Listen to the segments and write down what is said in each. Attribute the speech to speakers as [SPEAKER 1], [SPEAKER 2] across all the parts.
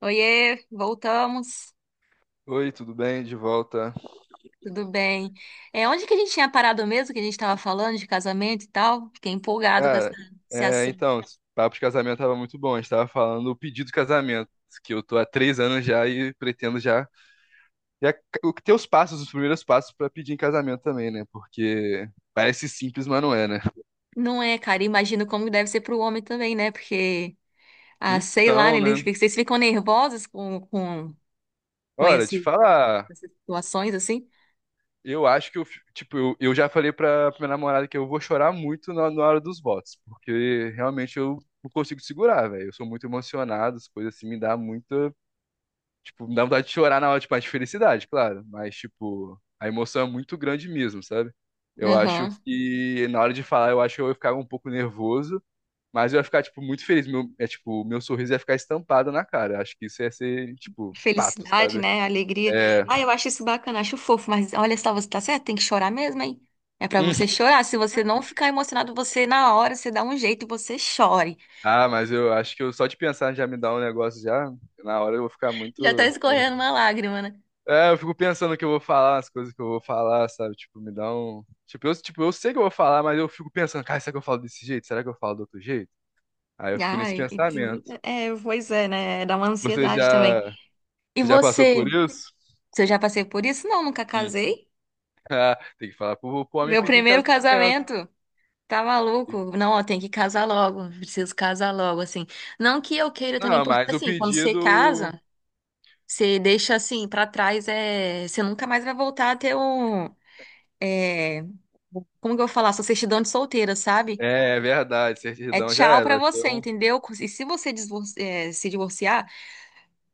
[SPEAKER 1] Oiê, voltamos.
[SPEAKER 2] Oi, tudo bem? De volta.
[SPEAKER 1] Tudo bem? É, onde que a gente tinha parado mesmo, que a gente estava falando de casamento e tal? Fiquei empolgado com
[SPEAKER 2] Cara,
[SPEAKER 1] esse assunto.
[SPEAKER 2] então, esse papo de casamento tava muito bom. A gente tava falando do pedido de casamento, que eu tô há três anos já e pretendo já, já ter os primeiros passos pra pedir em casamento também, né? Porque parece simples, mas não é, né?
[SPEAKER 1] Não é, cara, imagino como deve ser para o homem também, né? Porque, ah, sei lá, né,
[SPEAKER 2] Então, né?
[SPEAKER 1] vocês ficam nervosos com, com, com
[SPEAKER 2] Olha, te
[SPEAKER 1] esse,
[SPEAKER 2] falar,
[SPEAKER 1] essas situações, assim?
[SPEAKER 2] eu acho que eu, fi- tipo, eu já falei pra minha namorada que eu vou chorar muito na hora dos votos, porque realmente eu não consigo segurar, velho. Eu sou muito emocionado, as coisas assim me dá muito. Tipo, me dá vontade de chorar na hora, tipo, a de felicidade, claro. Mas, tipo, a emoção é muito grande mesmo, sabe? Eu acho
[SPEAKER 1] Aham.
[SPEAKER 2] que na hora de falar, eu acho que eu ia ficar um pouco nervoso, mas eu ia ficar, tipo, muito feliz. Meu, é, tipo, meu sorriso ia ficar estampado na cara. Acho que isso ia ser, tipo, fato,
[SPEAKER 1] Felicidade,
[SPEAKER 2] sabe?
[SPEAKER 1] né? Alegria.
[SPEAKER 2] É.
[SPEAKER 1] Ah, eu acho isso bacana, acho fofo, mas olha só, você tá certo, tem que chorar mesmo, hein? É para
[SPEAKER 2] Hum.
[SPEAKER 1] você chorar. Se você não ficar emocionado, você na hora, você dá um jeito e você chore.
[SPEAKER 2] Ah, mas eu acho que eu, só de pensar já me dá um negócio já. Na hora eu vou ficar
[SPEAKER 1] Já tá
[SPEAKER 2] muito
[SPEAKER 1] escorrendo
[SPEAKER 2] nervoso.
[SPEAKER 1] uma lágrima, né?
[SPEAKER 2] É, eu fico pensando o que eu vou falar, as coisas que eu vou falar, sabe? Tipo, me dá um. Tipo, eu sei que eu vou falar, mas eu fico pensando, cara, será que eu falo desse jeito? Será que eu falo do outro jeito? Aí eu fico nesse
[SPEAKER 1] Ai, e
[SPEAKER 2] pensamento.
[SPEAKER 1] é, pois é, né? Dá uma
[SPEAKER 2] Você
[SPEAKER 1] ansiedade também.
[SPEAKER 2] já.
[SPEAKER 1] E
[SPEAKER 2] Você já passou por
[SPEAKER 1] você?
[SPEAKER 2] isso?
[SPEAKER 1] Você já passei por isso? Não, nunca
[SPEAKER 2] Hum.
[SPEAKER 1] casei.
[SPEAKER 2] Ah, tem que falar pro homem
[SPEAKER 1] Meu
[SPEAKER 2] pedir em
[SPEAKER 1] primeiro
[SPEAKER 2] casamento.
[SPEAKER 1] casamento. Tá maluco? Não, ó, tem que casar logo. Preciso casar logo, assim. Não que eu queira também,
[SPEAKER 2] Não,
[SPEAKER 1] porque
[SPEAKER 2] mas o
[SPEAKER 1] assim, quando você
[SPEAKER 2] pedido.
[SPEAKER 1] casa, você deixa assim pra trás, você nunca mais vai voltar a ter um. É... Como que eu vou falar? Sua certidão de solteira, sabe?
[SPEAKER 2] É, é verdade,
[SPEAKER 1] É
[SPEAKER 2] certidão já
[SPEAKER 1] tchau
[SPEAKER 2] era.
[SPEAKER 1] pra
[SPEAKER 2] Vai ser
[SPEAKER 1] você,
[SPEAKER 2] um.
[SPEAKER 1] entendeu? E se você se divorciar.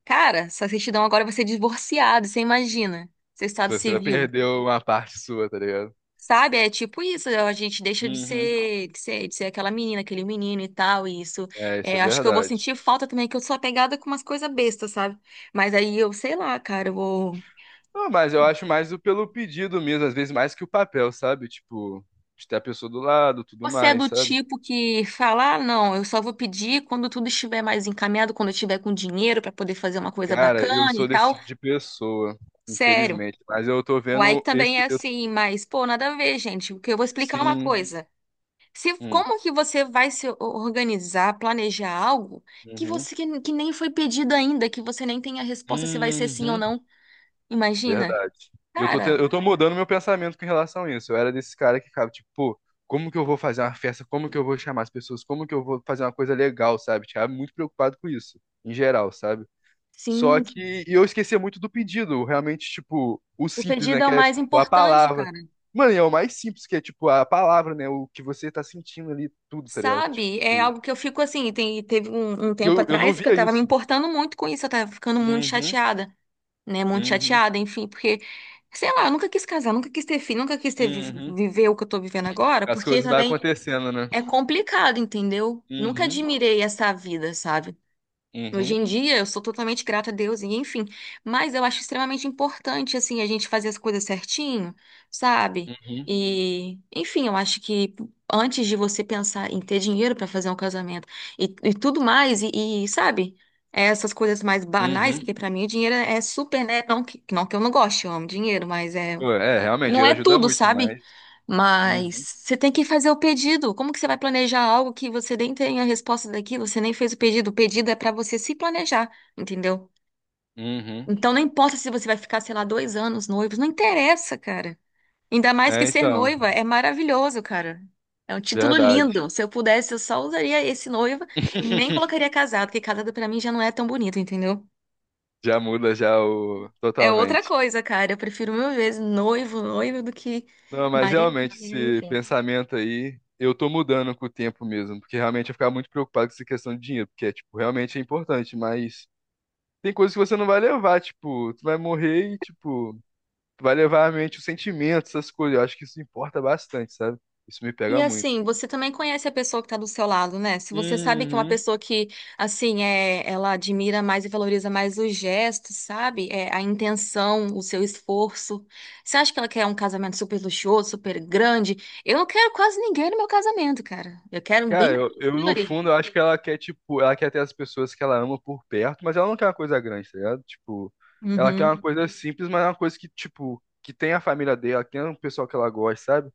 [SPEAKER 1] Cara, sua certidão agora vai ser divorciado, você imagina. Seu estado
[SPEAKER 2] Você vai
[SPEAKER 1] civil.
[SPEAKER 2] perder uma parte sua, tá ligado?
[SPEAKER 1] Sabe? É tipo isso, a gente deixa de
[SPEAKER 2] Uhum.
[SPEAKER 1] ser, aquela menina, aquele menino e tal, e isso.
[SPEAKER 2] É, isso é
[SPEAKER 1] É, acho que eu vou
[SPEAKER 2] verdade.
[SPEAKER 1] sentir falta também, que eu sou apegada com umas coisas bestas, sabe? Mas aí eu, sei lá, cara, eu vou.
[SPEAKER 2] Não, mas eu acho mais o pelo pedido mesmo, às vezes mais que o papel, sabe? Tipo, de ter a pessoa do lado, tudo
[SPEAKER 1] Você é
[SPEAKER 2] mais,
[SPEAKER 1] do
[SPEAKER 2] sabe?
[SPEAKER 1] tipo que fala, ah, não, eu só vou pedir quando tudo estiver mais encaminhado, quando eu tiver com dinheiro pra poder fazer uma coisa
[SPEAKER 2] Cara, eu
[SPEAKER 1] bacana e
[SPEAKER 2] sou desse
[SPEAKER 1] tal.
[SPEAKER 2] tipo de pessoa,
[SPEAKER 1] Sério.
[SPEAKER 2] infelizmente. Mas eu tô
[SPEAKER 1] O Ike
[SPEAKER 2] vendo esse.
[SPEAKER 1] também é assim, mas, pô, nada a ver, gente, porque eu vou explicar é uma
[SPEAKER 2] Sim.
[SPEAKER 1] coisa. Se,
[SPEAKER 2] Hum.
[SPEAKER 1] como que você vai se organizar, planejar algo
[SPEAKER 2] Uhum.
[SPEAKER 1] que nem foi pedido ainda, que você nem tem a resposta se vai ser sim ou
[SPEAKER 2] Uhum.
[SPEAKER 1] não? Imagina.
[SPEAKER 2] Verdade. Eu tô, te-
[SPEAKER 1] Cara,
[SPEAKER 2] eu tô mudando meu pensamento com relação a isso. Eu era desse cara que ficava, tipo, pô, como que eu vou fazer uma festa? Como que eu vou chamar as pessoas? Como que eu vou fazer uma coisa legal, sabe? Ficava muito preocupado com isso, em geral, sabe? Só
[SPEAKER 1] sim,
[SPEAKER 2] que e eu esquecia muito do pedido, realmente, tipo, o
[SPEAKER 1] o
[SPEAKER 2] simples,
[SPEAKER 1] pedido
[SPEAKER 2] né?
[SPEAKER 1] é
[SPEAKER 2] Que
[SPEAKER 1] o
[SPEAKER 2] é
[SPEAKER 1] mais
[SPEAKER 2] tipo, a
[SPEAKER 1] importante,
[SPEAKER 2] palavra.
[SPEAKER 1] cara.
[SPEAKER 2] Mano, e é o mais simples, que é tipo a palavra, né? O que você tá sentindo ali, tudo, tá ligado?
[SPEAKER 1] Sabe? É
[SPEAKER 2] Tipo,
[SPEAKER 1] algo que eu fico assim, teve um
[SPEAKER 2] e
[SPEAKER 1] tempo
[SPEAKER 2] eu não
[SPEAKER 1] atrás que eu
[SPEAKER 2] via
[SPEAKER 1] tava me
[SPEAKER 2] isso.
[SPEAKER 1] importando muito com isso, eu tava ficando muito
[SPEAKER 2] Uhum,
[SPEAKER 1] chateada, né? Muito
[SPEAKER 2] uhum,
[SPEAKER 1] chateada, enfim, porque sei lá, eu nunca quis casar, nunca quis ter filho, nunca quis ter
[SPEAKER 2] uhum.
[SPEAKER 1] viver o que eu tô vivendo agora,
[SPEAKER 2] As
[SPEAKER 1] porque
[SPEAKER 2] coisas vai
[SPEAKER 1] também
[SPEAKER 2] acontecendo, né?
[SPEAKER 1] é complicado, entendeu? Nunca
[SPEAKER 2] Uhum,
[SPEAKER 1] admirei essa vida, sabe? Hoje
[SPEAKER 2] uhum,
[SPEAKER 1] em dia eu sou totalmente grata a Deus e enfim, mas eu acho extremamente importante assim a gente fazer as coisas certinho, sabe?
[SPEAKER 2] uhum,
[SPEAKER 1] E enfim, eu acho que antes de você pensar em ter dinheiro pra fazer um casamento e tudo mais sabe? É essas coisas mais banais,
[SPEAKER 2] uhum.
[SPEAKER 1] porque pra mim o dinheiro é super, né? Não que eu não goste, eu amo dinheiro, mas
[SPEAKER 2] Pô, é, realmente,
[SPEAKER 1] não
[SPEAKER 2] dinheiro
[SPEAKER 1] é
[SPEAKER 2] ajuda
[SPEAKER 1] tudo,
[SPEAKER 2] muito,
[SPEAKER 1] sabe?
[SPEAKER 2] mas.
[SPEAKER 1] Mas
[SPEAKER 2] Uhum,
[SPEAKER 1] você tem que fazer o pedido. Como que você vai planejar algo que você nem tem a resposta daquilo? Você nem fez o pedido. O pedido é pra você se planejar, entendeu?
[SPEAKER 2] uhum.
[SPEAKER 1] Então não importa se você vai ficar, sei lá, 2 anos noivos, não interessa, cara. Ainda mais que
[SPEAKER 2] É,
[SPEAKER 1] ser
[SPEAKER 2] então,
[SPEAKER 1] noiva é maravilhoso, cara. É um título
[SPEAKER 2] verdade.
[SPEAKER 1] lindo. Se eu pudesse, eu só usaria esse noiva e nem colocaria casado, porque casado pra mim já não é tão bonito, entendeu?
[SPEAKER 2] Já muda já o
[SPEAKER 1] É outra
[SPEAKER 2] totalmente.
[SPEAKER 1] coisa, cara. Eu prefiro mil vezes noivo, noiva do que
[SPEAKER 2] Não, mas
[SPEAKER 1] marido,
[SPEAKER 2] realmente esse
[SPEAKER 1] enfim.
[SPEAKER 2] pensamento aí, eu tô mudando com o tempo mesmo, porque realmente eu ficava muito preocupado com essa questão de dinheiro, porque é, tipo, realmente é importante, mas tem coisas que você não vai levar, tipo, tu vai morrer e, tipo, tu vai levar à mente os sentimentos, essas coisas, eu acho que isso importa bastante, sabe? Isso me
[SPEAKER 1] E
[SPEAKER 2] pega muito.
[SPEAKER 1] assim, você também conhece a pessoa que está do seu lado, né? Se você sabe que é uma
[SPEAKER 2] Uhum.
[SPEAKER 1] pessoa que, assim, ela admira mais e valoriza mais os gestos, sabe? É, a intenção, o seu esforço. Você acha que ela quer um casamento super luxuoso, super grande? Eu não quero quase ninguém no meu casamento, cara. Eu quero bem
[SPEAKER 2] Cara, eu
[SPEAKER 1] tranquilo
[SPEAKER 2] no
[SPEAKER 1] ali.
[SPEAKER 2] fundo, eu acho que ela quer, tipo, ela quer ter as pessoas que ela ama por perto, mas ela não quer uma coisa grande, tá ligado? Tipo, ela quer
[SPEAKER 1] Uhum.
[SPEAKER 2] uma coisa simples, mas é uma coisa que, tipo, que tem a família dela, que tem o pessoal que ela gosta, sabe?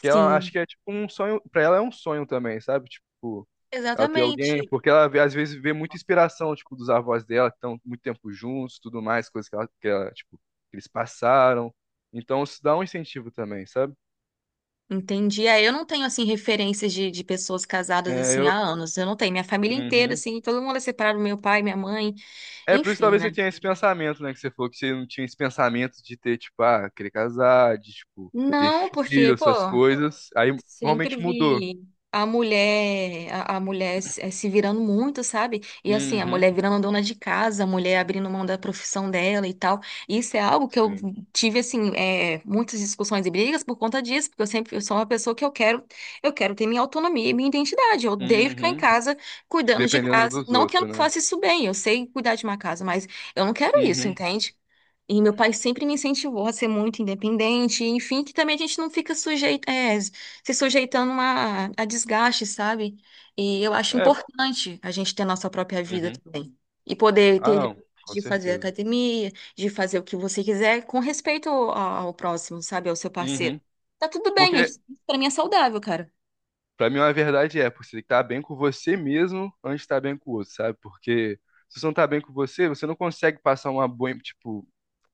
[SPEAKER 2] Que ela acho
[SPEAKER 1] Sim,
[SPEAKER 2] que é tipo um sonho, pra ela é um sonho também, sabe? Tipo, ela ter alguém,
[SPEAKER 1] exatamente.
[SPEAKER 2] porque ela às vezes vê muita inspiração, tipo, dos avós dela, que estão muito tempo juntos, tudo mais, coisas que eles passaram. Então isso dá um incentivo também, sabe?
[SPEAKER 1] Entendi. É, eu não tenho, assim, referências de pessoas casadas,
[SPEAKER 2] É,
[SPEAKER 1] assim,
[SPEAKER 2] eu...
[SPEAKER 1] há anos. Eu não tenho. Minha família inteira,
[SPEAKER 2] Uhum.
[SPEAKER 1] assim, todo mundo é separado, meu pai, minha mãe,
[SPEAKER 2] É, por isso
[SPEAKER 1] enfim,
[SPEAKER 2] talvez você
[SPEAKER 1] né?
[SPEAKER 2] tenha esse pensamento, né? Que você falou que você não tinha esse pensamento de ter, tipo, ah, querer casar, de, tipo, ter
[SPEAKER 1] Não, porque,
[SPEAKER 2] filho,
[SPEAKER 1] pô,
[SPEAKER 2] essas coisas. Aí
[SPEAKER 1] sempre
[SPEAKER 2] normalmente mudou.
[SPEAKER 1] vi a mulher, a mulher se virando muito, sabe? E assim, a
[SPEAKER 2] Uhum.
[SPEAKER 1] mulher virando dona de casa, a mulher abrindo mão da profissão dela e tal. Isso é algo que eu
[SPEAKER 2] Sim.
[SPEAKER 1] tive, assim, muitas discussões e brigas por conta disso, porque eu sou uma pessoa que eu quero, ter minha autonomia e minha identidade. Eu odeio ficar em
[SPEAKER 2] Uhum.
[SPEAKER 1] casa cuidando de
[SPEAKER 2] Dependendo
[SPEAKER 1] casa.
[SPEAKER 2] dos
[SPEAKER 1] Não que eu
[SPEAKER 2] outros,
[SPEAKER 1] não
[SPEAKER 2] né?
[SPEAKER 1] faça isso bem, eu sei cuidar de uma casa, mas eu não quero isso,
[SPEAKER 2] Uhum.
[SPEAKER 1] entende? E meu pai sempre me incentivou a ser muito independente, enfim, que também a gente não fica se sujeitando a desgaste, sabe? E eu acho
[SPEAKER 2] É,
[SPEAKER 1] importante a gente ter a nossa própria vida
[SPEAKER 2] uhum.
[SPEAKER 1] também. E poder ter
[SPEAKER 2] Ah,
[SPEAKER 1] liberdade
[SPEAKER 2] não, com
[SPEAKER 1] de fazer
[SPEAKER 2] certeza.
[SPEAKER 1] academia, de fazer o que você quiser, com respeito ao próximo, sabe? Ao seu parceiro.
[SPEAKER 2] Uhum.
[SPEAKER 1] Tá tudo bem, é
[SPEAKER 2] Porque,
[SPEAKER 1] isso pra mim é saudável, cara.
[SPEAKER 2] pra mim, a verdade é, porque você tem que estar bem com você mesmo antes de estar bem com o outro, sabe? Porque se você não tá bem com você, você não consegue passar uma boa, tipo,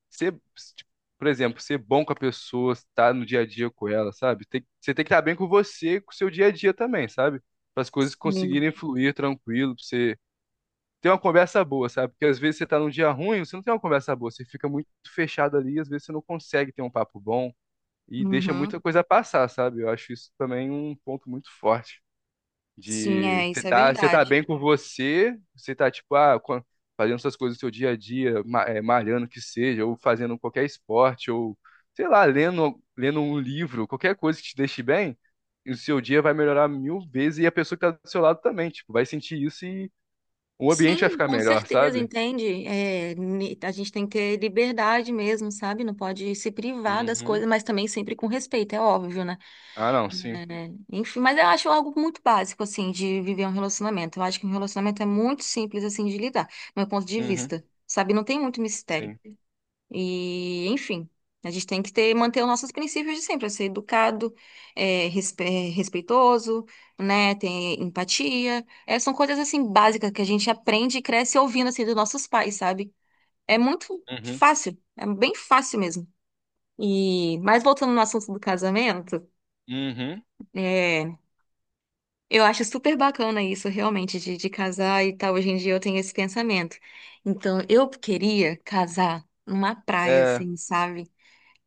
[SPEAKER 2] ser, tipo, por exemplo, ser bom com a pessoa, estar no dia a dia com ela, sabe? Você tem que estar bem com você, com o seu dia a dia também, sabe? Para as coisas
[SPEAKER 1] Hum.
[SPEAKER 2] conseguirem fluir tranquilo, pra você ter uma conversa boa, sabe? Porque às vezes você tá num dia ruim, você não tem uma conversa boa, você fica muito fechado ali, às vezes você não consegue ter um papo bom e deixa
[SPEAKER 1] Uhum.
[SPEAKER 2] muita coisa passar, sabe? Eu acho isso também um ponto muito forte.
[SPEAKER 1] Sim,
[SPEAKER 2] De
[SPEAKER 1] isso é
[SPEAKER 2] você tá
[SPEAKER 1] verdade.
[SPEAKER 2] bem com você, você tá tipo, ah, fazendo essas coisas no seu dia a dia, malhando que seja, ou fazendo qualquer esporte, ou sei lá, lendo, lendo um livro, qualquer coisa que te deixe bem, e o seu dia vai melhorar mil vezes e a pessoa que tá do seu lado também, tipo, vai sentir isso e o ambiente vai
[SPEAKER 1] Sim,
[SPEAKER 2] ficar
[SPEAKER 1] com
[SPEAKER 2] melhor,
[SPEAKER 1] certeza,
[SPEAKER 2] sabe?
[SPEAKER 1] entende? É, ni- a gente tem que ter liberdade mesmo, sabe? Não pode se privar das
[SPEAKER 2] Uhum.
[SPEAKER 1] coisas, mas também sempre com respeito, é óbvio, né?
[SPEAKER 2] Ah, não, sim.
[SPEAKER 1] É, enfim, mas eu acho algo muito básico, assim, de viver um relacionamento. Eu acho que um relacionamento é muito simples, assim, de lidar, do meu ponto de
[SPEAKER 2] Uhum.
[SPEAKER 1] vista. Sabe? Não tem muito mistério.
[SPEAKER 2] Sim.
[SPEAKER 1] E, enfim, a gente tem que manter os nossos princípios de sempre, é ser educado, é respeitoso, né, ter empatia. É, são coisas, assim, básicas que a gente aprende e cresce ouvindo, assim, dos nossos pais, sabe? É muito
[SPEAKER 2] Uhum.
[SPEAKER 1] fácil, é bem fácil mesmo. E, mas voltando no assunto do casamento,
[SPEAKER 2] Uhum.
[SPEAKER 1] é, eu acho super bacana isso, realmente, de casar e tal. Hoje em dia eu tenho esse pensamento. Então, eu queria casar numa praia,
[SPEAKER 2] É.
[SPEAKER 1] assim, sabe?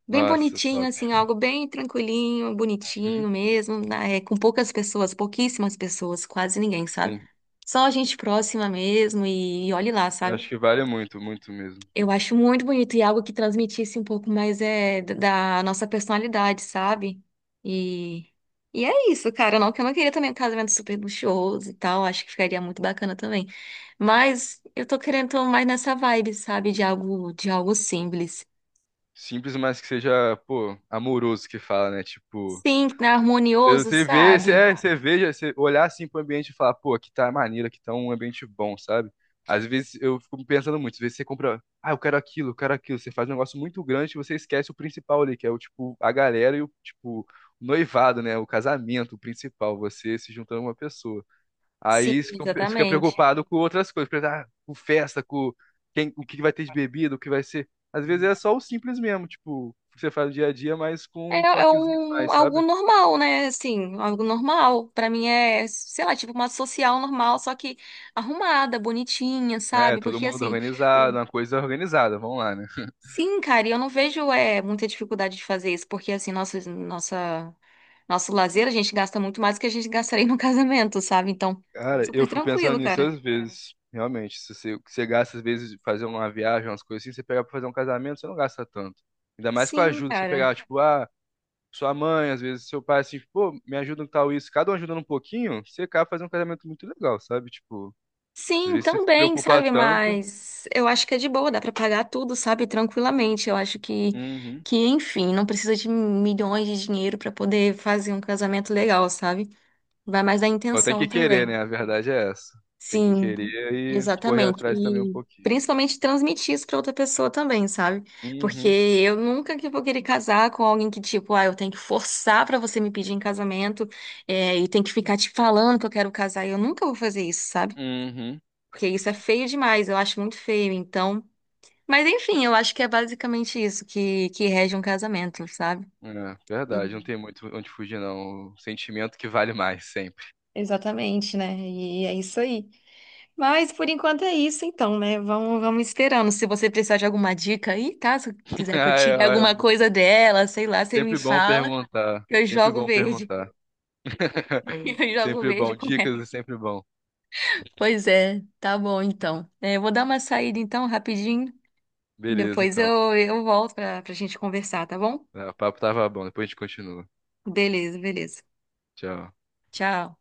[SPEAKER 1] Bem
[SPEAKER 2] Nossa,
[SPEAKER 1] bonitinho,
[SPEAKER 2] top.
[SPEAKER 1] assim, algo bem tranquilinho, bonitinho mesmo, né, com poucas pessoas, pouquíssimas pessoas, quase ninguém, sabe?
[SPEAKER 2] Sim,
[SPEAKER 1] Só gente próxima mesmo e olhe lá,
[SPEAKER 2] eu
[SPEAKER 1] sabe?
[SPEAKER 2] acho que vale muito, muito mesmo.
[SPEAKER 1] Eu acho muito bonito e algo que transmitisse um pouco mais da nossa personalidade, sabe? E, e é isso, cara. Não que eu não queria também um casamento super luxuoso e tal, acho que ficaria muito bacana também. Mas eu tô mais nessa vibe, sabe? De algo simples.
[SPEAKER 2] Simples, mas que seja, pô, amoroso que fala, né? Tipo,
[SPEAKER 1] Sim, harmonioso,
[SPEAKER 2] você vê, você,
[SPEAKER 1] sabe?
[SPEAKER 2] é, você você olhar assim pro ambiente e falar, pô, aqui tá maneiro, aqui tá um ambiente bom, sabe? Às vezes eu fico pensando muito, às vezes você compra, ah, eu quero aquilo, você faz um negócio muito grande e você esquece o principal ali, que é o tipo, a galera e o tipo, o noivado, né? O casamento, o principal, você se juntando a uma pessoa.
[SPEAKER 1] Sim,
[SPEAKER 2] Aí você fica
[SPEAKER 1] exatamente.
[SPEAKER 2] preocupado com outras coisas, preocupado, ah, com festa, com quem, o que vai ter de bebida, o que vai ser. Às vezes é só o simples mesmo, tipo, que você faz no dia a dia, mas
[SPEAKER 1] É,
[SPEAKER 2] com um
[SPEAKER 1] é
[SPEAKER 2] toquezinho a
[SPEAKER 1] um,
[SPEAKER 2] mais,
[SPEAKER 1] algo
[SPEAKER 2] sabe?
[SPEAKER 1] normal, né? Assim, algo normal. Pra mim é, sei lá, tipo uma social normal, só que arrumada, bonitinha,
[SPEAKER 2] É,
[SPEAKER 1] sabe?
[SPEAKER 2] todo
[SPEAKER 1] Porque
[SPEAKER 2] mundo
[SPEAKER 1] assim, o...
[SPEAKER 2] organizado, uma coisa organizada, vamos lá, né?
[SPEAKER 1] sim, cara, e eu não vejo muita dificuldade de fazer isso, porque assim, nosso lazer a gente gasta muito mais do que a gente gastaria no casamento, sabe? Então,
[SPEAKER 2] Cara,
[SPEAKER 1] super
[SPEAKER 2] eu fico pensando
[SPEAKER 1] tranquilo,
[SPEAKER 2] nisso
[SPEAKER 1] cara.
[SPEAKER 2] às vezes, realmente. Se você, o que você gasta, às vezes, fazer uma viagem, umas coisas assim, você pegar pra fazer um casamento, você não gasta tanto. Ainda mais com a
[SPEAKER 1] Sim,
[SPEAKER 2] ajuda, você
[SPEAKER 1] cara.
[SPEAKER 2] pegar, tipo, ah. sua mãe, às vezes seu pai, assim, tipo, pô, me ajuda em tal isso, cada um ajudando um pouquinho, você acaba fazendo um casamento muito legal, sabe? Tipo, às
[SPEAKER 1] Sim,
[SPEAKER 2] vezes você se
[SPEAKER 1] também,
[SPEAKER 2] preocupa
[SPEAKER 1] sabe?
[SPEAKER 2] tanto.
[SPEAKER 1] Mas eu acho que é de boa, dá pra pagar tudo, sabe? Tranquilamente. Eu acho que,
[SPEAKER 2] Uhum.
[SPEAKER 1] que enfim, não precisa de milhões de dinheiro pra poder fazer um casamento legal, sabe? Vai mais da
[SPEAKER 2] Só tem
[SPEAKER 1] intenção
[SPEAKER 2] que querer,
[SPEAKER 1] também.
[SPEAKER 2] né? A verdade é essa. Tem que
[SPEAKER 1] Sim,
[SPEAKER 2] querer e correr
[SPEAKER 1] exatamente.
[SPEAKER 2] atrás também um
[SPEAKER 1] E
[SPEAKER 2] pouquinho.
[SPEAKER 1] principalmente transmitir isso pra outra pessoa também, sabe? Porque
[SPEAKER 2] Uhum.
[SPEAKER 1] eu nunca que vou querer casar com alguém que, tipo, ah, eu tenho que forçar pra você me pedir em casamento, e tem que ficar te falando que eu quero casar. Eu nunca vou fazer isso, sabe?
[SPEAKER 2] Uhum.
[SPEAKER 1] Porque isso é feio demais, eu acho muito feio, então. Mas enfim, eu acho que é basicamente isso que rege um casamento, sabe?
[SPEAKER 2] É, verdade, não
[SPEAKER 1] E-
[SPEAKER 2] tem muito onde fugir, não. O sentimento que vale mais, sempre.
[SPEAKER 1] Exatamente, né? E é isso aí. Mas por enquanto é isso, então, né? Vamos esperando. Se você precisar de alguma dica aí, tá? Se quiser que eu
[SPEAKER 2] Ah,
[SPEAKER 1] tire
[SPEAKER 2] é,
[SPEAKER 1] alguma coisa dela, sei lá, você me
[SPEAKER 2] sempre bom
[SPEAKER 1] fala.
[SPEAKER 2] perguntar.
[SPEAKER 1] Eu
[SPEAKER 2] Sempre
[SPEAKER 1] jogo
[SPEAKER 2] bom
[SPEAKER 1] verde.
[SPEAKER 2] perguntar.
[SPEAKER 1] Eu jogo
[SPEAKER 2] Sempre
[SPEAKER 1] verde
[SPEAKER 2] bom.
[SPEAKER 1] com
[SPEAKER 2] Dicas é
[SPEAKER 1] ela.
[SPEAKER 2] sempre bom.
[SPEAKER 1] Pois é, tá bom então. É, eu vou dar uma saída então, rapidinho.
[SPEAKER 2] Beleza,
[SPEAKER 1] Depois
[SPEAKER 2] então.
[SPEAKER 1] eu volto pra gente conversar, tá bom?
[SPEAKER 2] É, o papo tava bom, depois a gente continua.
[SPEAKER 1] Beleza, beleza.
[SPEAKER 2] Tchau.
[SPEAKER 1] Tchau.